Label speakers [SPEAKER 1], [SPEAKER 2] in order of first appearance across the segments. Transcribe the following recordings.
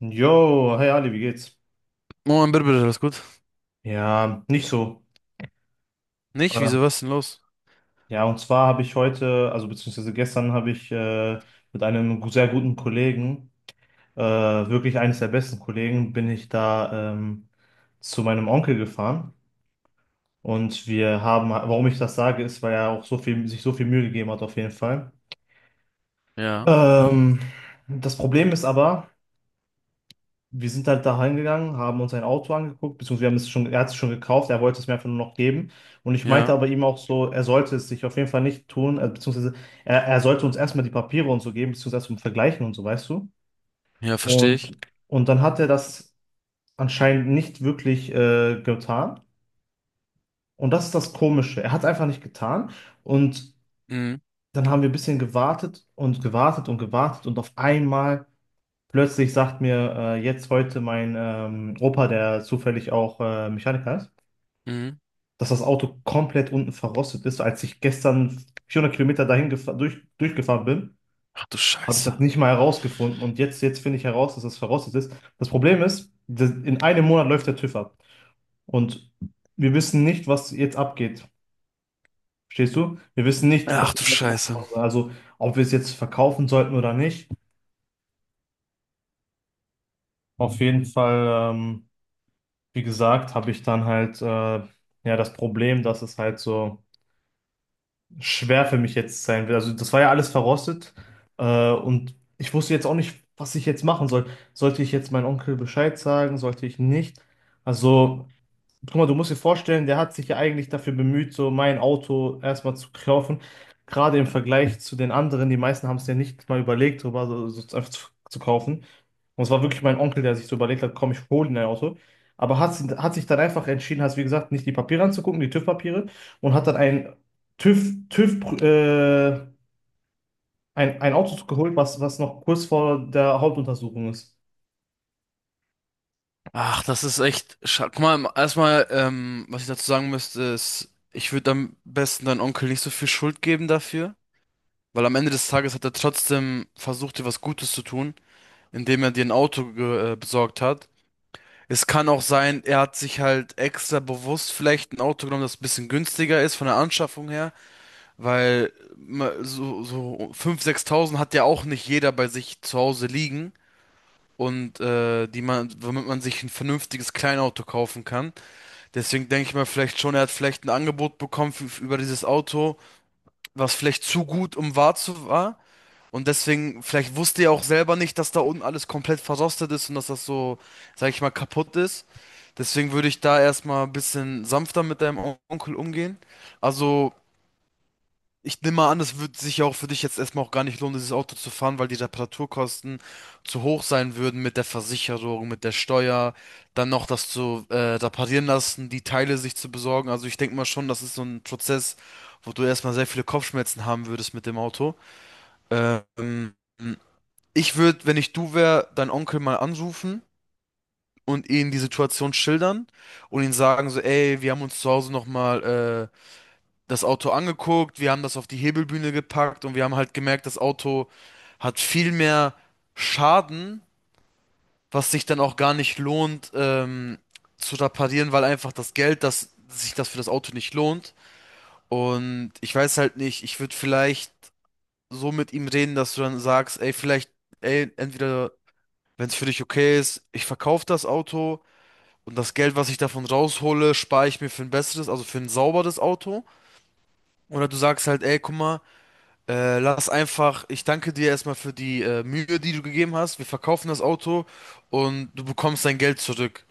[SPEAKER 1] Jo, hey Ali, wie geht's?
[SPEAKER 2] Moment, bitte, bitte, alles gut?
[SPEAKER 1] Ja, nicht so.
[SPEAKER 2] Nicht?
[SPEAKER 1] Äh,
[SPEAKER 2] Wieso, was ist denn los?
[SPEAKER 1] ja, und zwar habe ich heute, also beziehungsweise gestern habe ich mit einem sehr guten Kollegen, wirklich eines der besten Kollegen, bin ich da zu meinem Onkel gefahren. Und wir haben, warum ich das sage, ist, weil er auch so viel, sich so viel Mühe gegeben hat, auf jeden Fall.
[SPEAKER 2] Ja,
[SPEAKER 1] Ähm, Das Problem ist aber, wir sind halt da hingegangen, haben uns ein Auto angeguckt, beziehungsweise wir haben es schon, er hat es schon gekauft, er wollte es mir einfach nur noch geben. Und ich meinte
[SPEAKER 2] ja,
[SPEAKER 1] aber ihm auch so, er sollte es sich auf jeden Fall nicht tun, beziehungsweise er sollte uns erstmal die Papiere und so geben, beziehungsweise zum Vergleichen und so, weißt du?
[SPEAKER 2] ja, verstehe ich.
[SPEAKER 1] Und, und dann hat er das anscheinend nicht wirklich getan. Und das ist das Komische. Er hat es einfach nicht getan. Und
[SPEAKER 2] Mhm,
[SPEAKER 1] dann haben wir ein bisschen gewartet und gewartet und gewartet und auf einmal. Plötzlich sagt mir jetzt heute mein Opa, der zufällig auch Mechaniker ist,
[SPEAKER 2] mhm.
[SPEAKER 1] dass das Auto komplett unten verrostet ist. Als ich gestern 400 Kilometer dahin durchgefahren bin,
[SPEAKER 2] Ach du
[SPEAKER 1] habe ich
[SPEAKER 2] Scheiße.
[SPEAKER 1] das nicht mal herausgefunden. Und jetzt, jetzt finde ich heraus, dass das verrostet ist. Das Problem ist, das, in einem Monat läuft der TÜV ab. Und wir wissen nicht, was jetzt abgeht. Verstehst du? Wir wissen nicht,
[SPEAKER 2] Ach
[SPEAKER 1] was
[SPEAKER 2] du
[SPEAKER 1] wir mit dem
[SPEAKER 2] Scheiße.
[SPEAKER 1] Auto machen. Also, ob wir es jetzt verkaufen sollten oder nicht. Auf jeden Fall. Wie gesagt, habe ich dann halt ja das Problem, dass es halt so schwer für mich jetzt sein wird. Also das war ja alles verrostet und ich wusste jetzt auch nicht, was ich jetzt machen soll. Sollte ich jetzt meinem Onkel Bescheid sagen, sollte ich nicht? Also, guck mal, du musst dir vorstellen, der hat sich ja eigentlich dafür bemüht, so mein Auto erstmal zu kaufen. Gerade im Vergleich zu den anderen, die meisten haben es ja nicht mal überlegt, darüber so, so einfach zu kaufen. Und es war wirklich mein Onkel, der sich so überlegt hat, komm, ich hole dir ein Auto. Aber hat, hat sich dann einfach entschieden, hat, wie gesagt, nicht die Papiere anzugucken, die TÜV-Papiere, und hat dann ein TÜV, TÜV ein Auto geholt, was noch kurz vor der Hauptuntersuchung ist.
[SPEAKER 2] Ach, das ist echt. Guck mal, erstmal, was ich dazu sagen müsste, ist, ich würde am besten deinem Onkel nicht so viel Schuld geben dafür, weil am Ende des Tages hat er trotzdem versucht, dir was Gutes zu tun, indem er dir ein Auto besorgt hat. Es kann auch sein, er hat sich halt extra bewusst vielleicht ein Auto genommen, das ein bisschen günstiger ist von der Anschaffung her. Weil so 5.000, 6.000 hat ja auch nicht jeder bei sich zu Hause liegen. Und die man, womit man sich ein vernünftiges Kleinauto kaufen kann. Deswegen denke ich mal vielleicht schon, er hat vielleicht ein Angebot bekommen für, über dieses Auto, was vielleicht zu gut, um wahr zu war. Und deswegen, vielleicht wusste er auch selber nicht, dass da unten alles komplett verrostet ist und dass das so, sag ich mal, kaputt ist. Deswegen würde ich da erstmal ein bisschen sanfter mit deinem Onkel umgehen. Also, ich nehme mal an, es würde sich ja auch für dich jetzt erstmal auch gar nicht lohnen, dieses Auto zu fahren, weil die Reparaturkosten zu hoch sein würden mit der Versicherung, mit der Steuer, dann noch das zu reparieren lassen, die Teile sich zu besorgen. Also ich denke mal schon, das ist so ein Prozess, wo du erstmal sehr viele Kopfschmerzen haben würdest mit dem Auto. Ähm, ich würde, wenn ich du wäre, deinen Onkel mal anrufen und ihn die Situation schildern und ihn sagen so, ey, wir haben uns zu Hause nochmal das Auto angeguckt, wir haben das auf die Hebelbühne gepackt und wir haben halt gemerkt, das Auto hat viel mehr Schaden, was sich dann auch gar nicht lohnt, zu reparieren, weil einfach das Geld, das sich das für das Auto nicht lohnt. Und ich weiß halt nicht, ich würde vielleicht so mit ihm reden, dass du dann sagst, ey, vielleicht, ey, entweder, wenn es für dich okay ist, ich verkaufe das Auto und das Geld, was ich davon raushole, spare ich mir für ein besseres, also für ein sauberes Auto. Oder du sagst halt, ey, guck mal, lass einfach, ich danke dir erstmal für die Mühe, die du gegeben hast. Wir verkaufen das Auto und du bekommst dein Geld zurück.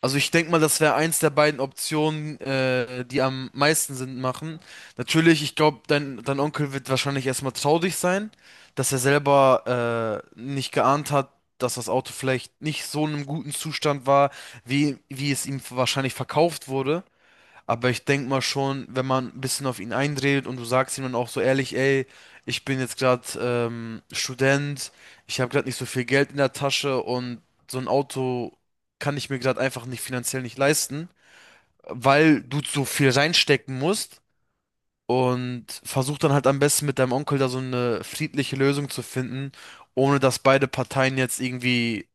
[SPEAKER 2] Also ich denke mal, das wäre eins der beiden Optionen, die am meisten Sinn machen. Natürlich, ich glaube, dein Onkel wird wahrscheinlich erstmal traurig sein, dass er selber nicht geahnt hat, dass das Auto vielleicht nicht so in einem guten Zustand war, wie es ihm wahrscheinlich verkauft wurde. Aber ich denke mal schon, wenn man ein bisschen auf ihn einredet und du sagst ihm dann auch so ehrlich, ey, ich bin jetzt gerade Student, ich habe gerade nicht so viel Geld in der Tasche und so ein Auto kann ich mir gerade einfach nicht finanziell nicht leisten, weil du so viel reinstecken musst. Und versuch dann halt am besten mit deinem Onkel da so eine friedliche Lösung zu finden, ohne dass beide Parteien jetzt irgendwie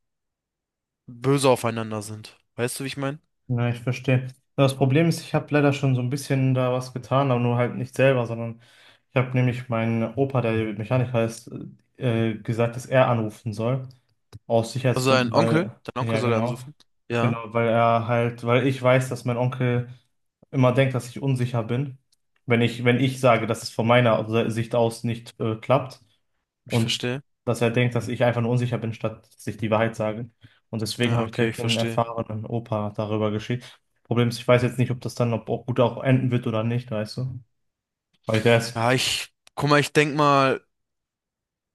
[SPEAKER 2] böse aufeinander sind. Weißt du, wie ich meine?
[SPEAKER 1] Ja, ich verstehe. Ja, das Problem ist, ich habe leider schon so ein bisschen da was getan, aber nur halt nicht selber, sondern ich habe nämlich meinen Opa, der Mechaniker ist, gesagt, dass er anrufen soll. Aus
[SPEAKER 2] Also
[SPEAKER 1] Sicherheitsgründen, weil,
[SPEAKER 2] Dein
[SPEAKER 1] ja,
[SPEAKER 2] Onkel soll er
[SPEAKER 1] genau.
[SPEAKER 2] anrufen. Ja,
[SPEAKER 1] Genau, weil er halt, weil ich weiß, dass mein Onkel immer denkt, dass ich unsicher bin, wenn ich sage, dass es von meiner Sicht aus nicht klappt
[SPEAKER 2] ich
[SPEAKER 1] und
[SPEAKER 2] verstehe.
[SPEAKER 1] dass er denkt, dass ich einfach nur unsicher bin, statt dass ich die Wahrheit sage. Und deswegen
[SPEAKER 2] Ja,
[SPEAKER 1] habe ich
[SPEAKER 2] okay, ich
[SPEAKER 1] direkt den
[SPEAKER 2] verstehe.
[SPEAKER 1] erfahrenen Opa darüber geschickt. Problem ist, ich weiß jetzt nicht, ob das dann ob auch gut auch enden wird oder nicht, weißt du? Weil der
[SPEAKER 2] Ja,
[SPEAKER 1] ist,
[SPEAKER 2] ich, guck mal, ich denk mal,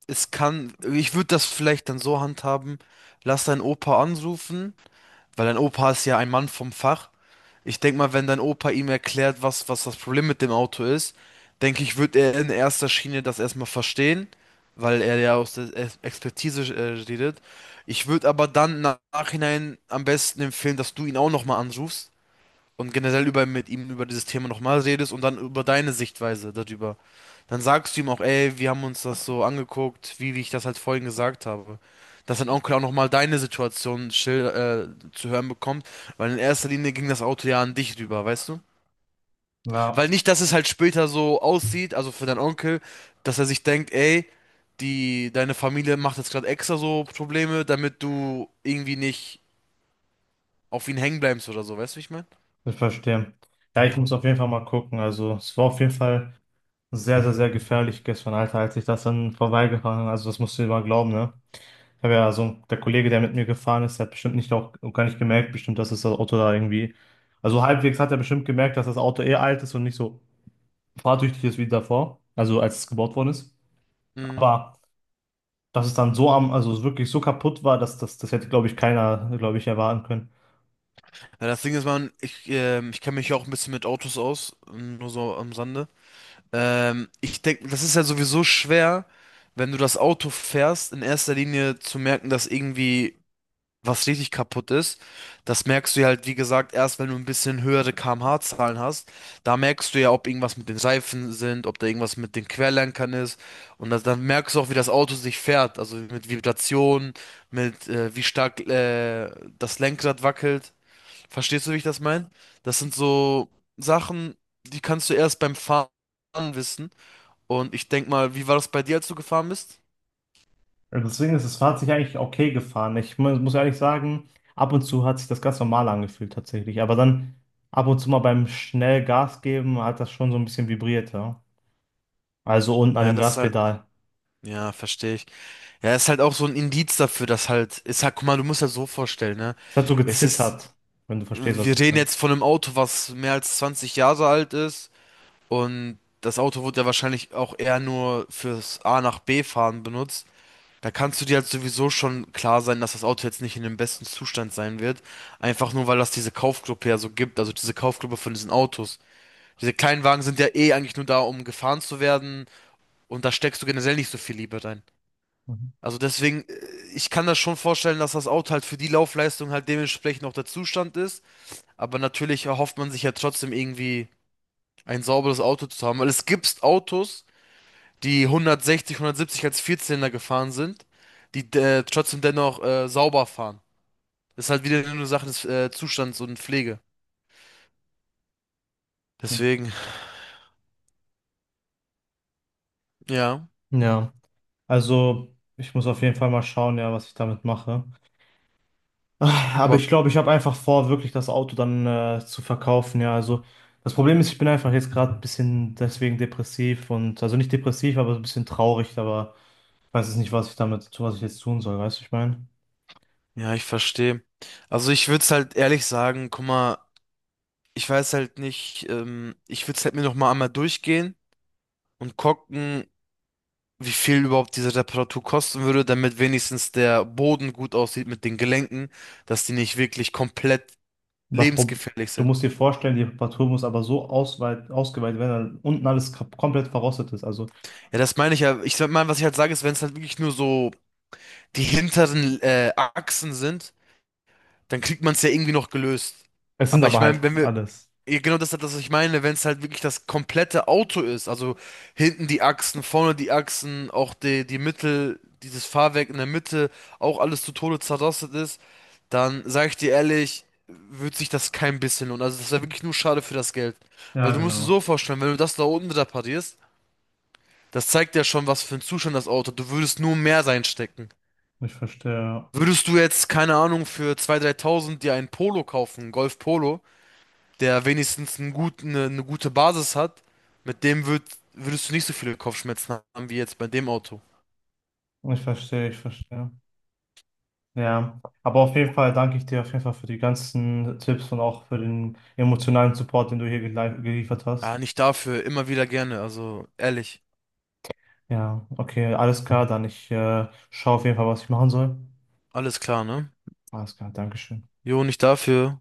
[SPEAKER 2] es kann, ich würde das vielleicht dann so handhaben, lass deinen Opa anrufen, weil dein Opa ist ja ein Mann vom Fach. Ich denk mal, wenn dein Opa ihm erklärt, was das Problem mit dem Auto ist, denke ich, wird er in erster Schiene das erstmal verstehen, weil er ja aus der Expertise redet. Ich würde aber dann im Nachhinein am besten empfehlen, dass du ihn auch nochmal anrufst und generell über mit ihm über dieses Thema nochmal redest und dann über deine Sichtweise darüber. Dann sagst du ihm auch, ey, wir haben uns das so angeguckt, wie ich das halt vorhin gesagt habe. Dass dein Onkel auch nochmal deine Situation schil zu hören bekommt, weil in erster Linie ging das Auto ja an dich rüber, weißt du? Weil
[SPEAKER 1] ja.
[SPEAKER 2] nicht, dass es halt später so aussieht, also für deinen Onkel, dass er sich denkt, ey, deine Familie macht jetzt gerade extra so Probleme, damit du irgendwie nicht auf ihn hängen bleibst oder so, weißt du, wie ich meine?
[SPEAKER 1] Ich verstehe. Ja, ich muss auf jeden Fall mal gucken. Also, es war auf jeden Fall sehr, sehr, sehr gefährlich gestern, Alter, als ich das dann vorbeigefahren bin. Also, das musst du dir mal glauben, ne? Ich habe ja so, der Kollege, der mit mir gefahren ist, der hat bestimmt nicht auch gar nicht gemerkt, bestimmt, dass das Auto da irgendwie. Also, halbwegs hat er bestimmt gemerkt, dass das Auto eh alt ist und nicht so fahrtüchtig ist wie davor. Also, als es gebaut worden ist. Aber, dass es dann so am, also wirklich so kaputt war, dass das, das hätte, glaube ich, keiner, glaube ich, erwarten können.
[SPEAKER 2] Ja, das Ding ist, ich kenne mich ja auch ein bisschen mit Autos aus, nur so am Sande. Ich denke, das ist ja sowieso schwer, wenn du das Auto fährst, in erster Linie zu merken, dass irgendwie was richtig kaputt ist. Das merkst du ja halt, wie gesagt, erst wenn du ein bisschen höhere kmh-Zahlen hast. Da merkst du ja, ob irgendwas mit den Reifen sind, ob da irgendwas mit den Querlenkern ist. Und das, dann merkst du auch, wie das Auto sich fährt. Also mit Vibrationen, mit wie stark das Lenkrad wackelt. Verstehst du, wie ich das meine? Das sind so Sachen, die kannst du erst beim Fahren wissen. Und ich denk mal, wie war das bei dir, als du gefahren bist?
[SPEAKER 1] Deswegen ist das Fahrrad eigentlich okay gefahren. Ich muss ehrlich sagen, ab und zu hat sich das ganz normal angefühlt tatsächlich. Aber dann ab und zu mal beim schnell Gas geben hat das schon so ein bisschen vibriert, ja. Also unten an
[SPEAKER 2] Ja,
[SPEAKER 1] dem
[SPEAKER 2] das ist halt,
[SPEAKER 1] Gaspedal.
[SPEAKER 2] ja, verstehe ich. Ja, ist halt auch so ein Indiz dafür, dass halt, ist halt, guck mal, du musst ja so vorstellen, ne?
[SPEAKER 1] Es hat so
[SPEAKER 2] Es ist,
[SPEAKER 1] gezittert, wenn du verstehst, was
[SPEAKER 2] wir
[SPEAKER 1] ich
[SPEAKER 2] reden
[SPEAKER 1] meine.
[SPEAKER 2] jetzt von einem Auto, was mehr als 20 Jahre alt ist und das Auto wurde ja wahrscheinlich auch eher nur fürs A nach B fahren benutzt. Da kannst du dir halt sowieso schon klar sein, dass das Auto jetzt nicht in dem besten Zustand sein wird. Einfach nur, weil das diese Kaufgruppe ja so gibt, also diese Kaufgruppe von diesen Autos. Diese kleinen Wagen sind ja eh eigentlich nur da, um gefahren zu werden und da steckst du generell nicht so viel Liebe rein.
[SPEAKER 1] Mhm.
[SPEAKER 2] Also deswegen, ich kann das schon vorstellen, dass das Auto halt für die Laufleistung halt dementsprechend auch der Zustand ist. Aber natürlich erhofft man sich ja trotzdem irgendwie ein sauberes Auto zu haben, weil es gibt Autos, die 160, 170 als Vierzylinder gefahren sind, die trotzdem dennoch sauber fahren. Das ist halt wieder nur eine Sache des Zustands und Pflege. Deswegen, ja.
[SPEAKER 1] Ja, also ich muss auf jeden Fall mal schauen, ja, was ich damit mache. Ah, aber
[SPEAKER 2] Aber
[SPEAKER 1] ich glaube, ich habe einfach vor, wirklich das Auto dann zu verkaufen. Ja, also das Problem ist, ich bin einfach jetzt gerade ein bisschen deswegen depressiv und also nicht depressiv, aber so ein bisschen traurig. Aber ich weiß jetzt nicht, was ich damit, was ich jetzt tun soll. Weißt du, ich meine,
[SPEAKER 2] ja, ich verstehe. Also ich würde es halt ehrlich sagen, guck mal, ich weiß halt nicht, ich würde es halt mir noch mal einmal durchgehen und gucken, wie viel überhaupt diese Reparatur kosten würde, damit wenigstens der Boden gut aussieht mit den Gelenken, dass die nicht wirklich komplett
[SPEAKER 1] das Pro
[SPEAKER 2] lebensgefährlich
[SPEAKER 1] du
[SPEAKER 2] sind.
[SPEAKER 1] musst dir vorstellen, die Reparatur muss aber so ausgeweitet werden, dass unten alles komplett verrostet ist. Also
[SPEAKER 2] Ja, das meine ich ja. Ich sag mal, was ich halt sage, ist, wenn es halt wirklich nur so die hinteren Achsen sind, dann kriegt man es ja irgendwie noch gelöst.
[SPEAKER 1] es sind
[SPEAKER 2] Aber ich
[SPEAKER 1] aber halt
[SPEAKER 2] meine, wenn wir,
[SPEAKER 1] alles.
[SPEAKER 2] ja, genau das ist halt das, was ich meine, wenn es halt wirklich das komplette Auto ist, also hinten die Achsen, vorne die Achsen, auch die Mittel, dieses Fahrwerk in der Mitte, auch alles zu Tode zerrostet ist, dann sage ich dir ehrlich, wird sich das kein bisschen lohnen. Also das wäre wirklich nur schade für das Geld. Weil
[SPEAKER 1] Ja,
[SPEAKER 2] du musst dir
[SPEAKER 1] genau.
[SPEAKER 2] so vorstellen, wenn du das da unten reparierst, das zeigt ja schon, was für einen Zustand das Auto hat. Du würdest nur mehr reinstecken.
[SPEAKER 1] Ich verstehe.
[SPEAKER 2] Würdest du jetzt, keine Ahnung, für 2.000, 3.000 dir einen Polo kaufen, einen Golf Polo, der wenigstens einen guten, eine gute Basis hat, mit dem würd, würdest du nicht so viele Kopfschmerzen haben wie jetzt bei dem Auto.
[SPEAKER 1] Ich verstehe. Ich verstehe. Ja, aber auf jeden Fall danke ich dir auf jeden Fall für die ganzen Tipps und auch für den emotionalen Support, den du hier geliefert
[SPEAKER 2] Ah,
[SPEAKER 1] hast.
[SPEAKER 2] nicht dafür, immer wieder gerne, also ehrlich.
[SPEAKER 1] Ja, okay, alles klar, dann ich schaue auf jeden Fall, was ich machen soll.
[SPEAKER 2] Alles klar, ne?
[SPEAKER 1] Alles klar, Dankeschön.
[SPEAKER 2] Jo, nicht dafür.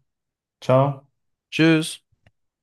[SPEAKER 1] Ciao.
[SPEAKER 2] Tschüss.